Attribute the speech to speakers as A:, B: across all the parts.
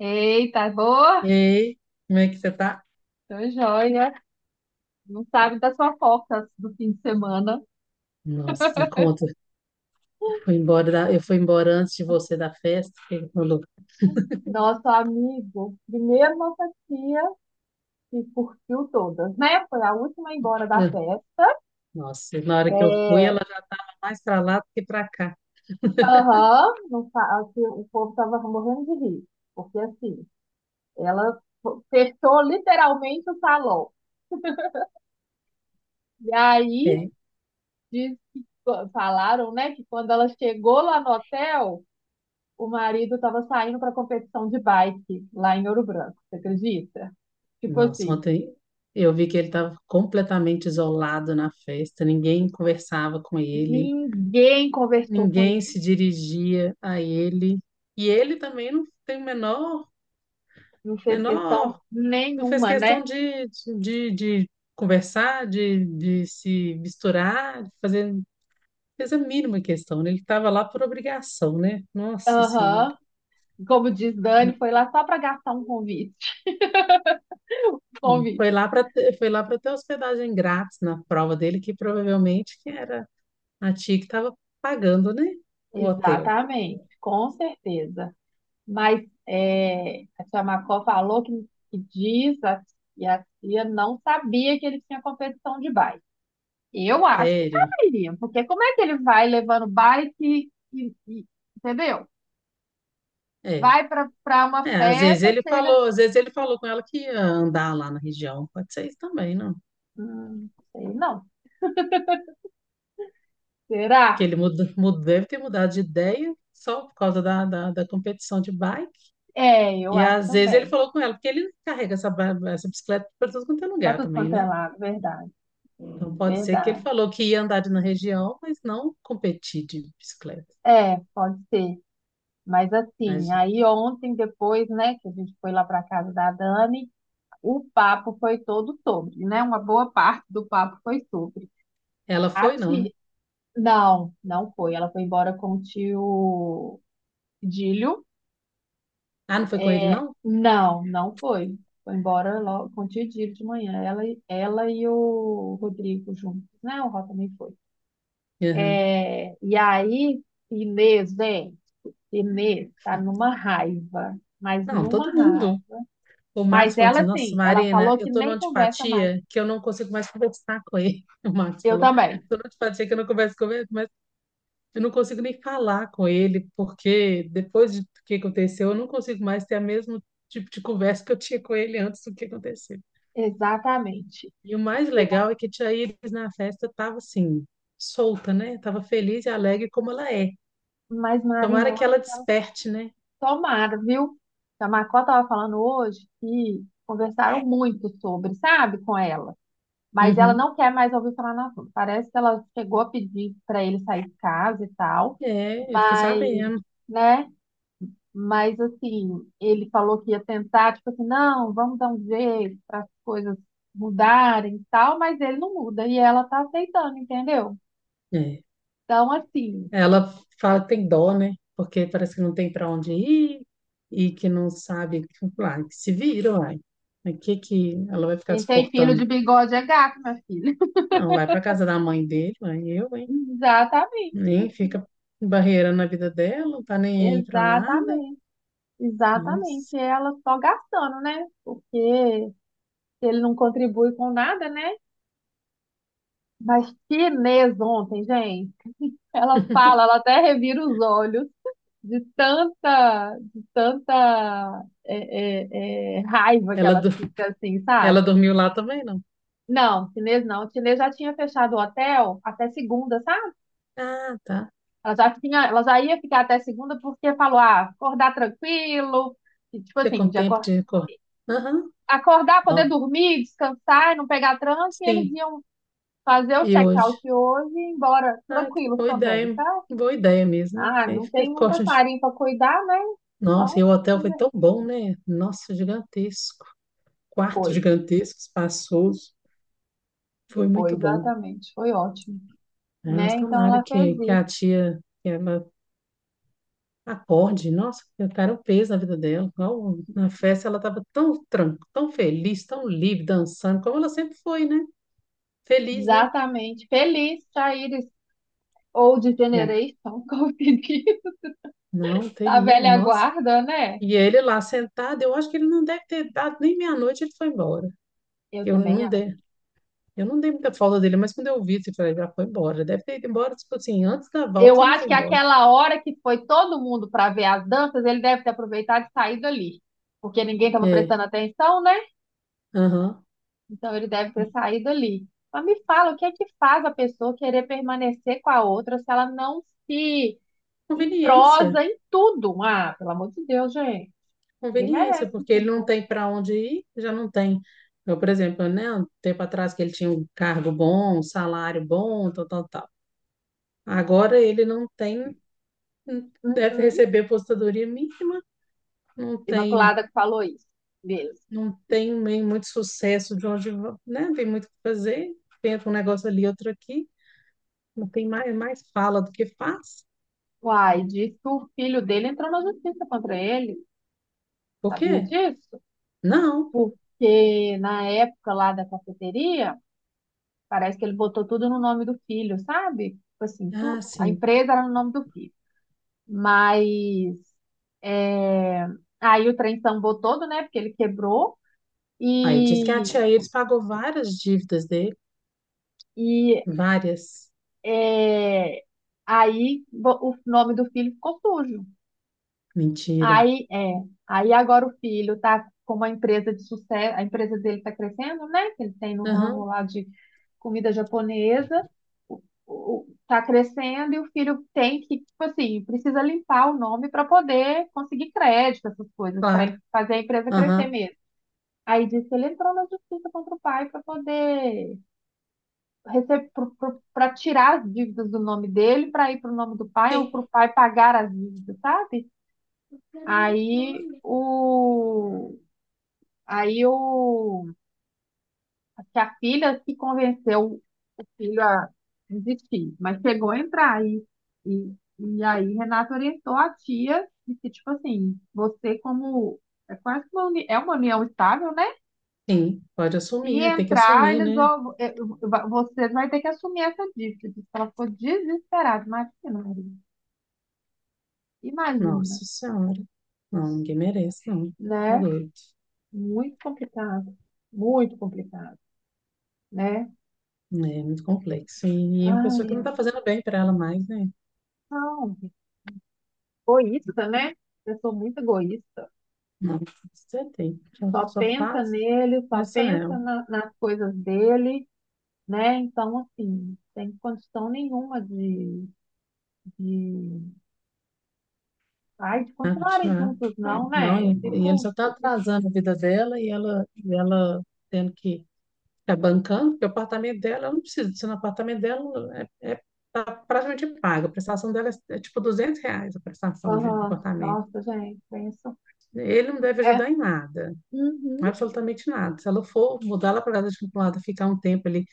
A: Eita,
B: E
A: boa!
B: aí, como é que você tá?
A: Tô joia. Não sabe das fofocas do fim de semana.
B: Nossa, me conta. Eu fui embora, eu fui embora antes de você da festa. O que ele falou,
A: Nosso amigo, primeiro nossa tia, que curtiu todas, né? Foi a última a ir embora da
B: "Ah,
A: festa.
B: nossa, na hora que eu fui,
A: É,
B: ela já estava mais para lá do que para cá.
A: aham. não sa- Assim, o povo tava morrendo de rir. Porque assim, ela fechou literalmente o salão. E aí,
B: É.
A: diz que, falaram, né, que quando ela chegou lá no hotel, o marido estava saindo para competição de bike lá em Ouro Branco, você acredita? Tipo
B: Nossa,
A: assim,
B: ontem eu vi que ele estava completamente isolado na festa. Ninguém conversava com ele,
A: ninguém conversou com
B: ninguém
A: ele,
B: se dirigia a ele. E ele também não tem o menor,
A: não fez questão
B: menor. Tu fez
A: nenhuma, né?
B: questão de conversar, de se misturar, de fazer. Fez a mínima questão, né? Ele estava lá por obrigação, né? Nossa Senhora.
A: Aham, como diz Dani, foi lá só para gastar um convite.
B: Hum.
A: Convite.
B: Foi lá para ter hospedagem grátis na prova dele, que provavelmente que era a tia que estava pagando, né? O hotel.
A: Exatamente, com certeza. Mas é, a tia Macó falou que, que diz a- e a tia não sabia que ele tinha competição de bike. Eu acho que
B: Sério.
A: saberia, porque como é que ele vai levando bike entendeu?
B: É.
A: Vai para uma
B: É, às vezes
A: festa,
B: ele
A: chega.
B: falou, às vezes ele falou com ela que ia andar lá na região. Pode ser isso também, não?
A: Sei não.
B: Porque
A: Será?
B: ele muda, deve ter mudado de ideia só por causa da competição de bike.
A: É, eu
B: E
A: acho
B: às vezes ele
A: também.
B: falou com ela, porque ele carrega essa, essa bicicleta para todo quanto é
A: Para
B: lugar
A: tudo
B: também,
A: quanto é
B: né?
A: lado, verdade,
B: Então pode ser que ele
A: verdade.
B: falou que ia na região, mas não competir de bicicleta.
A: É, pode ser. Mas assim,
B: Imagina.
A: aí ontem depois, né, que a gente foi lá para casa da Dani, o papo foi todo sobre, né? Uma boa parte do papo foi sobre.
B: Ela
A: A
B: foi, não, né?
A: tia... Não, não foi. Ela foi embora com o tio Dílio.
B: Ah, não foi com ele,
A: É,
B: não?
A: não, não foi. Foi embora logo com o dia de manhã. Ela e o Rodrigo juntos, né? O Ró também foi.
B: Aham.
A: É, e aí, Inês, gente, Inês tá
B: Não,
A: numa
B: todo mundo.
A: raiva.
B: O
A: Mas
B: Marcos falou assim:
A: ela,
B: Nossa,
A: sim, ela
B: Marina,
A: falou
B: eu
A: que
B: tô numa
A: nem conversa mais.
B: antipatia que eu não consigo mais conversar com ele. O Marcos
A: Eu
B: falou:
A: também,
B: tô numa antipatia que eu não converso com ele, eu não consigo nem falar com ele, porque do que aconteceu, eu não consigo mais ter o mesmo tipo de conversa que eu tinha com ele antes do que aconteceu.
A: exatamente.
B: E o mais legal é que a Tia Iris na festa estava assim, solta, né? Tava feliz e alegre como ela é.
A: Mas, Marina,
B: Tomara
A: eu
B: que
A: acho
B: ela
A: que
B: desperte, né?
A: tomara, viu? A Macó tava falando hoje que conversaram muito sobre, sabe, com ela. Mas ela
B: Uhum.
A: não quer mais ouvir falar no assunto. Parece que ela chegou a pedir para ele sair de casa e tal,
B: É, eu fiquei
A: mas,
B: sabendo.
A: né? Mas assim, ele falou que ia tentar, tipo assim, não, vamos dar um jeito para as coisas mudarem e tal, mas ele não muda e ela tá aceitando, entendeu?
B: É.
A: Então, assim,
B: Ela fala que tem dó, né? Porque parece que não tem para onde ir e que não sabe. Lá, que se vira, uai. O que que ela vai ficar
A: quem tem filho de
B: suportando?
A: bigode é gato, minha filha.
B: Não, vai pra casa da mãe dele, vai eu, hein?
A: Exatamente,
B: Nem fica barreirando a vida dela, não tá nem aí pra nada.
A: exatamente, exatamente.
B: Mas
A: E ela só gastando, né? Porque se ele não contribui com nada, né? Mas que Inês ontem, gente. Ela fala, ela até revira os olhos de tanta raiva que
B: ela,
A: ela fica, assim, sabe?
B: ela dormiu lá também, não?
A: Não, chinês não. Chinês já tinha fechado o hotel até segunda, sabe?
B: Ah, tá.
A: Ela já ia ficar até segunda porque falou, ah, acordar tranquilo, e, tipo
B: Você
A: assim,
B: com tempo de recordar. Aham,
A: acordar, poder
B: ó,
A: dormir, descansar, e não pegar trânsito, e eles
B: sim,
A: iam fazer o
B: e
A: check-out
B: hoje?
A: hoje e ir embora
B: Ah, que
A: tranquilos também, sabe?
B: boa ideia mesmo, né?
A: Ah,
B: Que aí
A: não
B: fica
A: tem um
B: corte de...
A: passarinho para cuidar, né?
B: Nossa, e
A: Então,
B: o hotel foi tão bom, né? Nossa, gigantesco. Quarto
A: foi.
B: gigantesco, espaçoso. Foi
A: Foi,
B: muito bom.
A: exatamente. Foi ótimo,
B: Aí, mas
A: né? Então
B: tomara
A: ela fez
B: que
A: isso.
B: a tia, que a acorde, nossa, eu quero um peso na vida dela. Igual na festa ela estava tão tranquila, tão feliz, tão livre, dançando, como ela sempre foi, né? Feliz, né?
A: Exatamente. Feliz, Chaires. Old
B: É.
A: Generation, como se diz,
B: Não,
A: da
B: terrível,
A: velha
B: nossa.
A: guarda, né?
B: E ele lá sentado, eu acho que ele não deve ter dado nem meia-noite, ele foi embora.
A: Eu
B: Eu
A: também
B: não
A: acho.
B: dei, eu não dei muita falta dele, mas quando eu vi, eu falei, já foi embora. Deve ter ido embora, tipo assim, antes da
A: Eu
B: volta ele
A: acho
B: foi
A: que
B: embora.
A: aquela hora que foi todo mundo para ver as danças, ele deve ter aproveitado e saído ali. Porque ninguém estava
B: É,
A: prestando atenção, né?
B: aham.
A: Então ele deve ter saído ali. Mas me fala, o que é que faz a pessoa querer permanecer com a outra se ela não se em
B: Conveniência.
A: prosa, em tudo. Ah, pelo amor de Deus, gente. Ele
B: Conveniência,
A: merece
B: porque ele não
A: isso.
B: tem para onde ir, já não tem. Eu, por exemplo, né, um tempo atrás que ele tinha um cargo bom, um salário bom, tal, tal, tal. Agora ele não tem, deve
A: Uhum.
B: receber aposentadoria mínima, não tem,
A: Imaculada que falou isso. Beleza.
B: não tem nem muito sucesso de onde, né, tem muito o que fazer, tenta um negócio ali, outro aqui, não tem mais, mais fala do que faz.
A: Uai, disse que o filho dele entrou na justiça contra ele.
B: Por
A: Sabia
B: quê?
A: disso?
B: Não.
A: Porque na época lá da cafeteria, parece que ele botou tudo no nome do filho, sabe? Tipo assim, tu,
B: Ah,
A: a
B: sim.
A: empresa era no nome do filho. Mas é, aí o trem sambou todo, né? Porque ele quebrou.
B: Aí diz que a
A: E,
B: tia Iris pagou várias dívidas dele,
A: e
B: várias.
A: É, o nome do filho ficou sujo.
B: Mentira.
A: Aí, é, aí agora o filho tá com uma empresa de sucesso, a empresa dele tá crescendo, né? Que ele tem no ramo lá de comida japonesa, o, tá crescendo e o filho tem que, tipo assim, precisa limpar o nome para poder conseguir crédito, essas coisas, para
B: Claro.
A: fazer a empresa crescer
B: Aham.
A: mesmo. Aí disse que ele entrou na justiça contra o pai para tirar as dívidas do nome dele para ir para o nome do pai ou
B: Sim,
A: para o pai pagar as dívidas, sabe? Aí o aí o Que a filha se convenceu o filho a desistir, mas chegou a entrar aí e aí Renata orientou a tia de que tipo assim, você como é quase é uma união estável, né?
B: sim. Pode
A: Se
B: assumir, tem que
A: entrar,
B: assumir,
A: eles
B: né?
A: vão, você vai ter que assumir essa dívida. Diz que ela ficou desesperada. Imagina, Maria. Imagina,
B: Nossa Senhora. Não, ninguém merece, não. Tá
A: né?
B: doido.
A: Muito complicado. Muito complicado, né?
B: Né? É muito complexo. E uma pessoa que não
A: Ai,
B: tá fazendo bem pra ela mais, né?
A: não. Egoísta, né? Pessoa muito egoísta.
B: Não, você tem. Só,
A: Só
B: só
A: pensa
B: faz,
A: nele, só
B: faz
A: pensa
B: Chanel.
A: nas coisas dele, né? Então, assim, sem condição nenhuma de, de
B: Né?
A: continuarem
B: Continuar.
A: juntos, não,
B: Não,
A: né? Eu
B: e ele
A: fico,
B: só tá
A: eu fico
B: atrasando a vida dela e ela tendo que tá bancando, porque o apartamento dela, eu não preciso disso no apartamento dela, é, é, tá praticamente pago. A prestação dela é, é tipo R$ 200 a prestação de, do
A: Aham.
B: apartamento.
A: Nossa, gente, pensa.
B: Ele não deve
A: É,
B: ajudar em nada,
A: uhum.
B: absolutamente nada. Se ela for mudar lá para casa de acumulada, ficar um tempo ali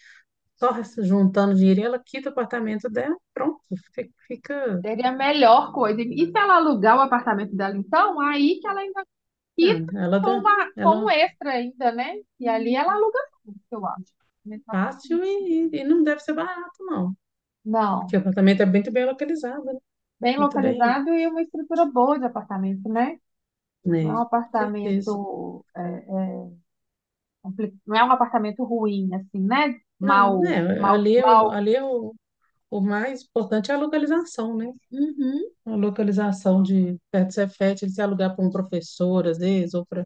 B: só juntando dinheiro, ela quita o apartamento dela, pronto, fica,
A: Seria a melhor coisa. E se ela alugar o apartamento dela, então, aí que ela ainda
B: não,
A: quita
B: ela,
A: com um
B: ela
A: extra ainda, né? E ali ela aluga tudo, eu acho. Mas tá tão
B: fácil
A: bonitinho.
B: e não deve ser barato, não.
A: Não,
B: Porque o apartamento é muito bem localizado, né?
A: bem
B: Muito bem,
A: localizado e uma estrutura boa de apartamento, né? Não
B: né?
A: é um
B: Com certeza.
A: apartamento, é, não é um apartamento ruim, assim, né?
B: Não,
A: Mal,
B: né?
A: mal,
B: Ali, é o,
A: mal.
B: ali eu, o mais importante é a localização, né?
A: Uhum.
B: A localização de perto do Cefet, ele se alugar para um professor, às vezes, ou para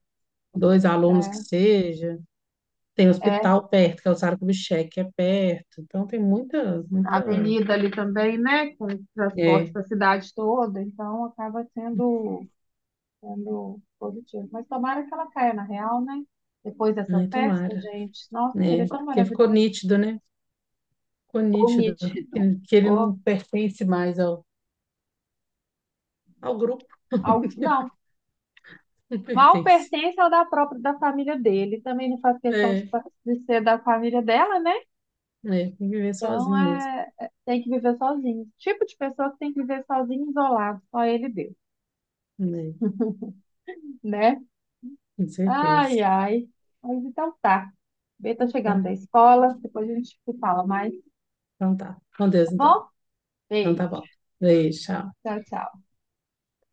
B: dois alunos que seja. Tem hospital perto, que é o Sara Kubitschek, que é perto. Então, tem muita,
A: A
B: muita...
A: avenida ali também, né? Com transporte
B: É,
A: para a cidade toda, então acaba sendo positivo. Mas tomara que ela caia na real, né? Depois dessa
B: ai,
A: festa,
B: tomara.
A: gente, nossa, seria
B: Né?
A: tão
B: Porque ficou
A: maravilhoso.
B: nítido, né? Ficou
A: Ficou
B: nítido
A: nítido.
B: que que ele
A: Ficou
B: não pertence mais ao, ao grupo.
A: Não,
B: Não
A: mal
B: pertence.
A: pertence ao da própria da família dele. Também não faz
B: É,
A: questão
B: é,
A: de ser da família dela, né?
B: tem que viver
A: Então
B: sozinho mesmo.
A: tem que viver sozinho. Tipo de pessoa que tem que viver sozinho, isolado, só ele e Deus,
B: Né?
A: né?
B: Com certeza.
A: Ai, ai. Mas então tá. B tá
B: Então,
A: chegando
B: tá.
A: da escola, depois a gente se fala mais,
B: Então tá. Com Deus,
A: tá
B: então.
A: bom?
B: Então tá
A: Beijo.
B: bom. Beijo, tchau.
A: Tchau, tchau.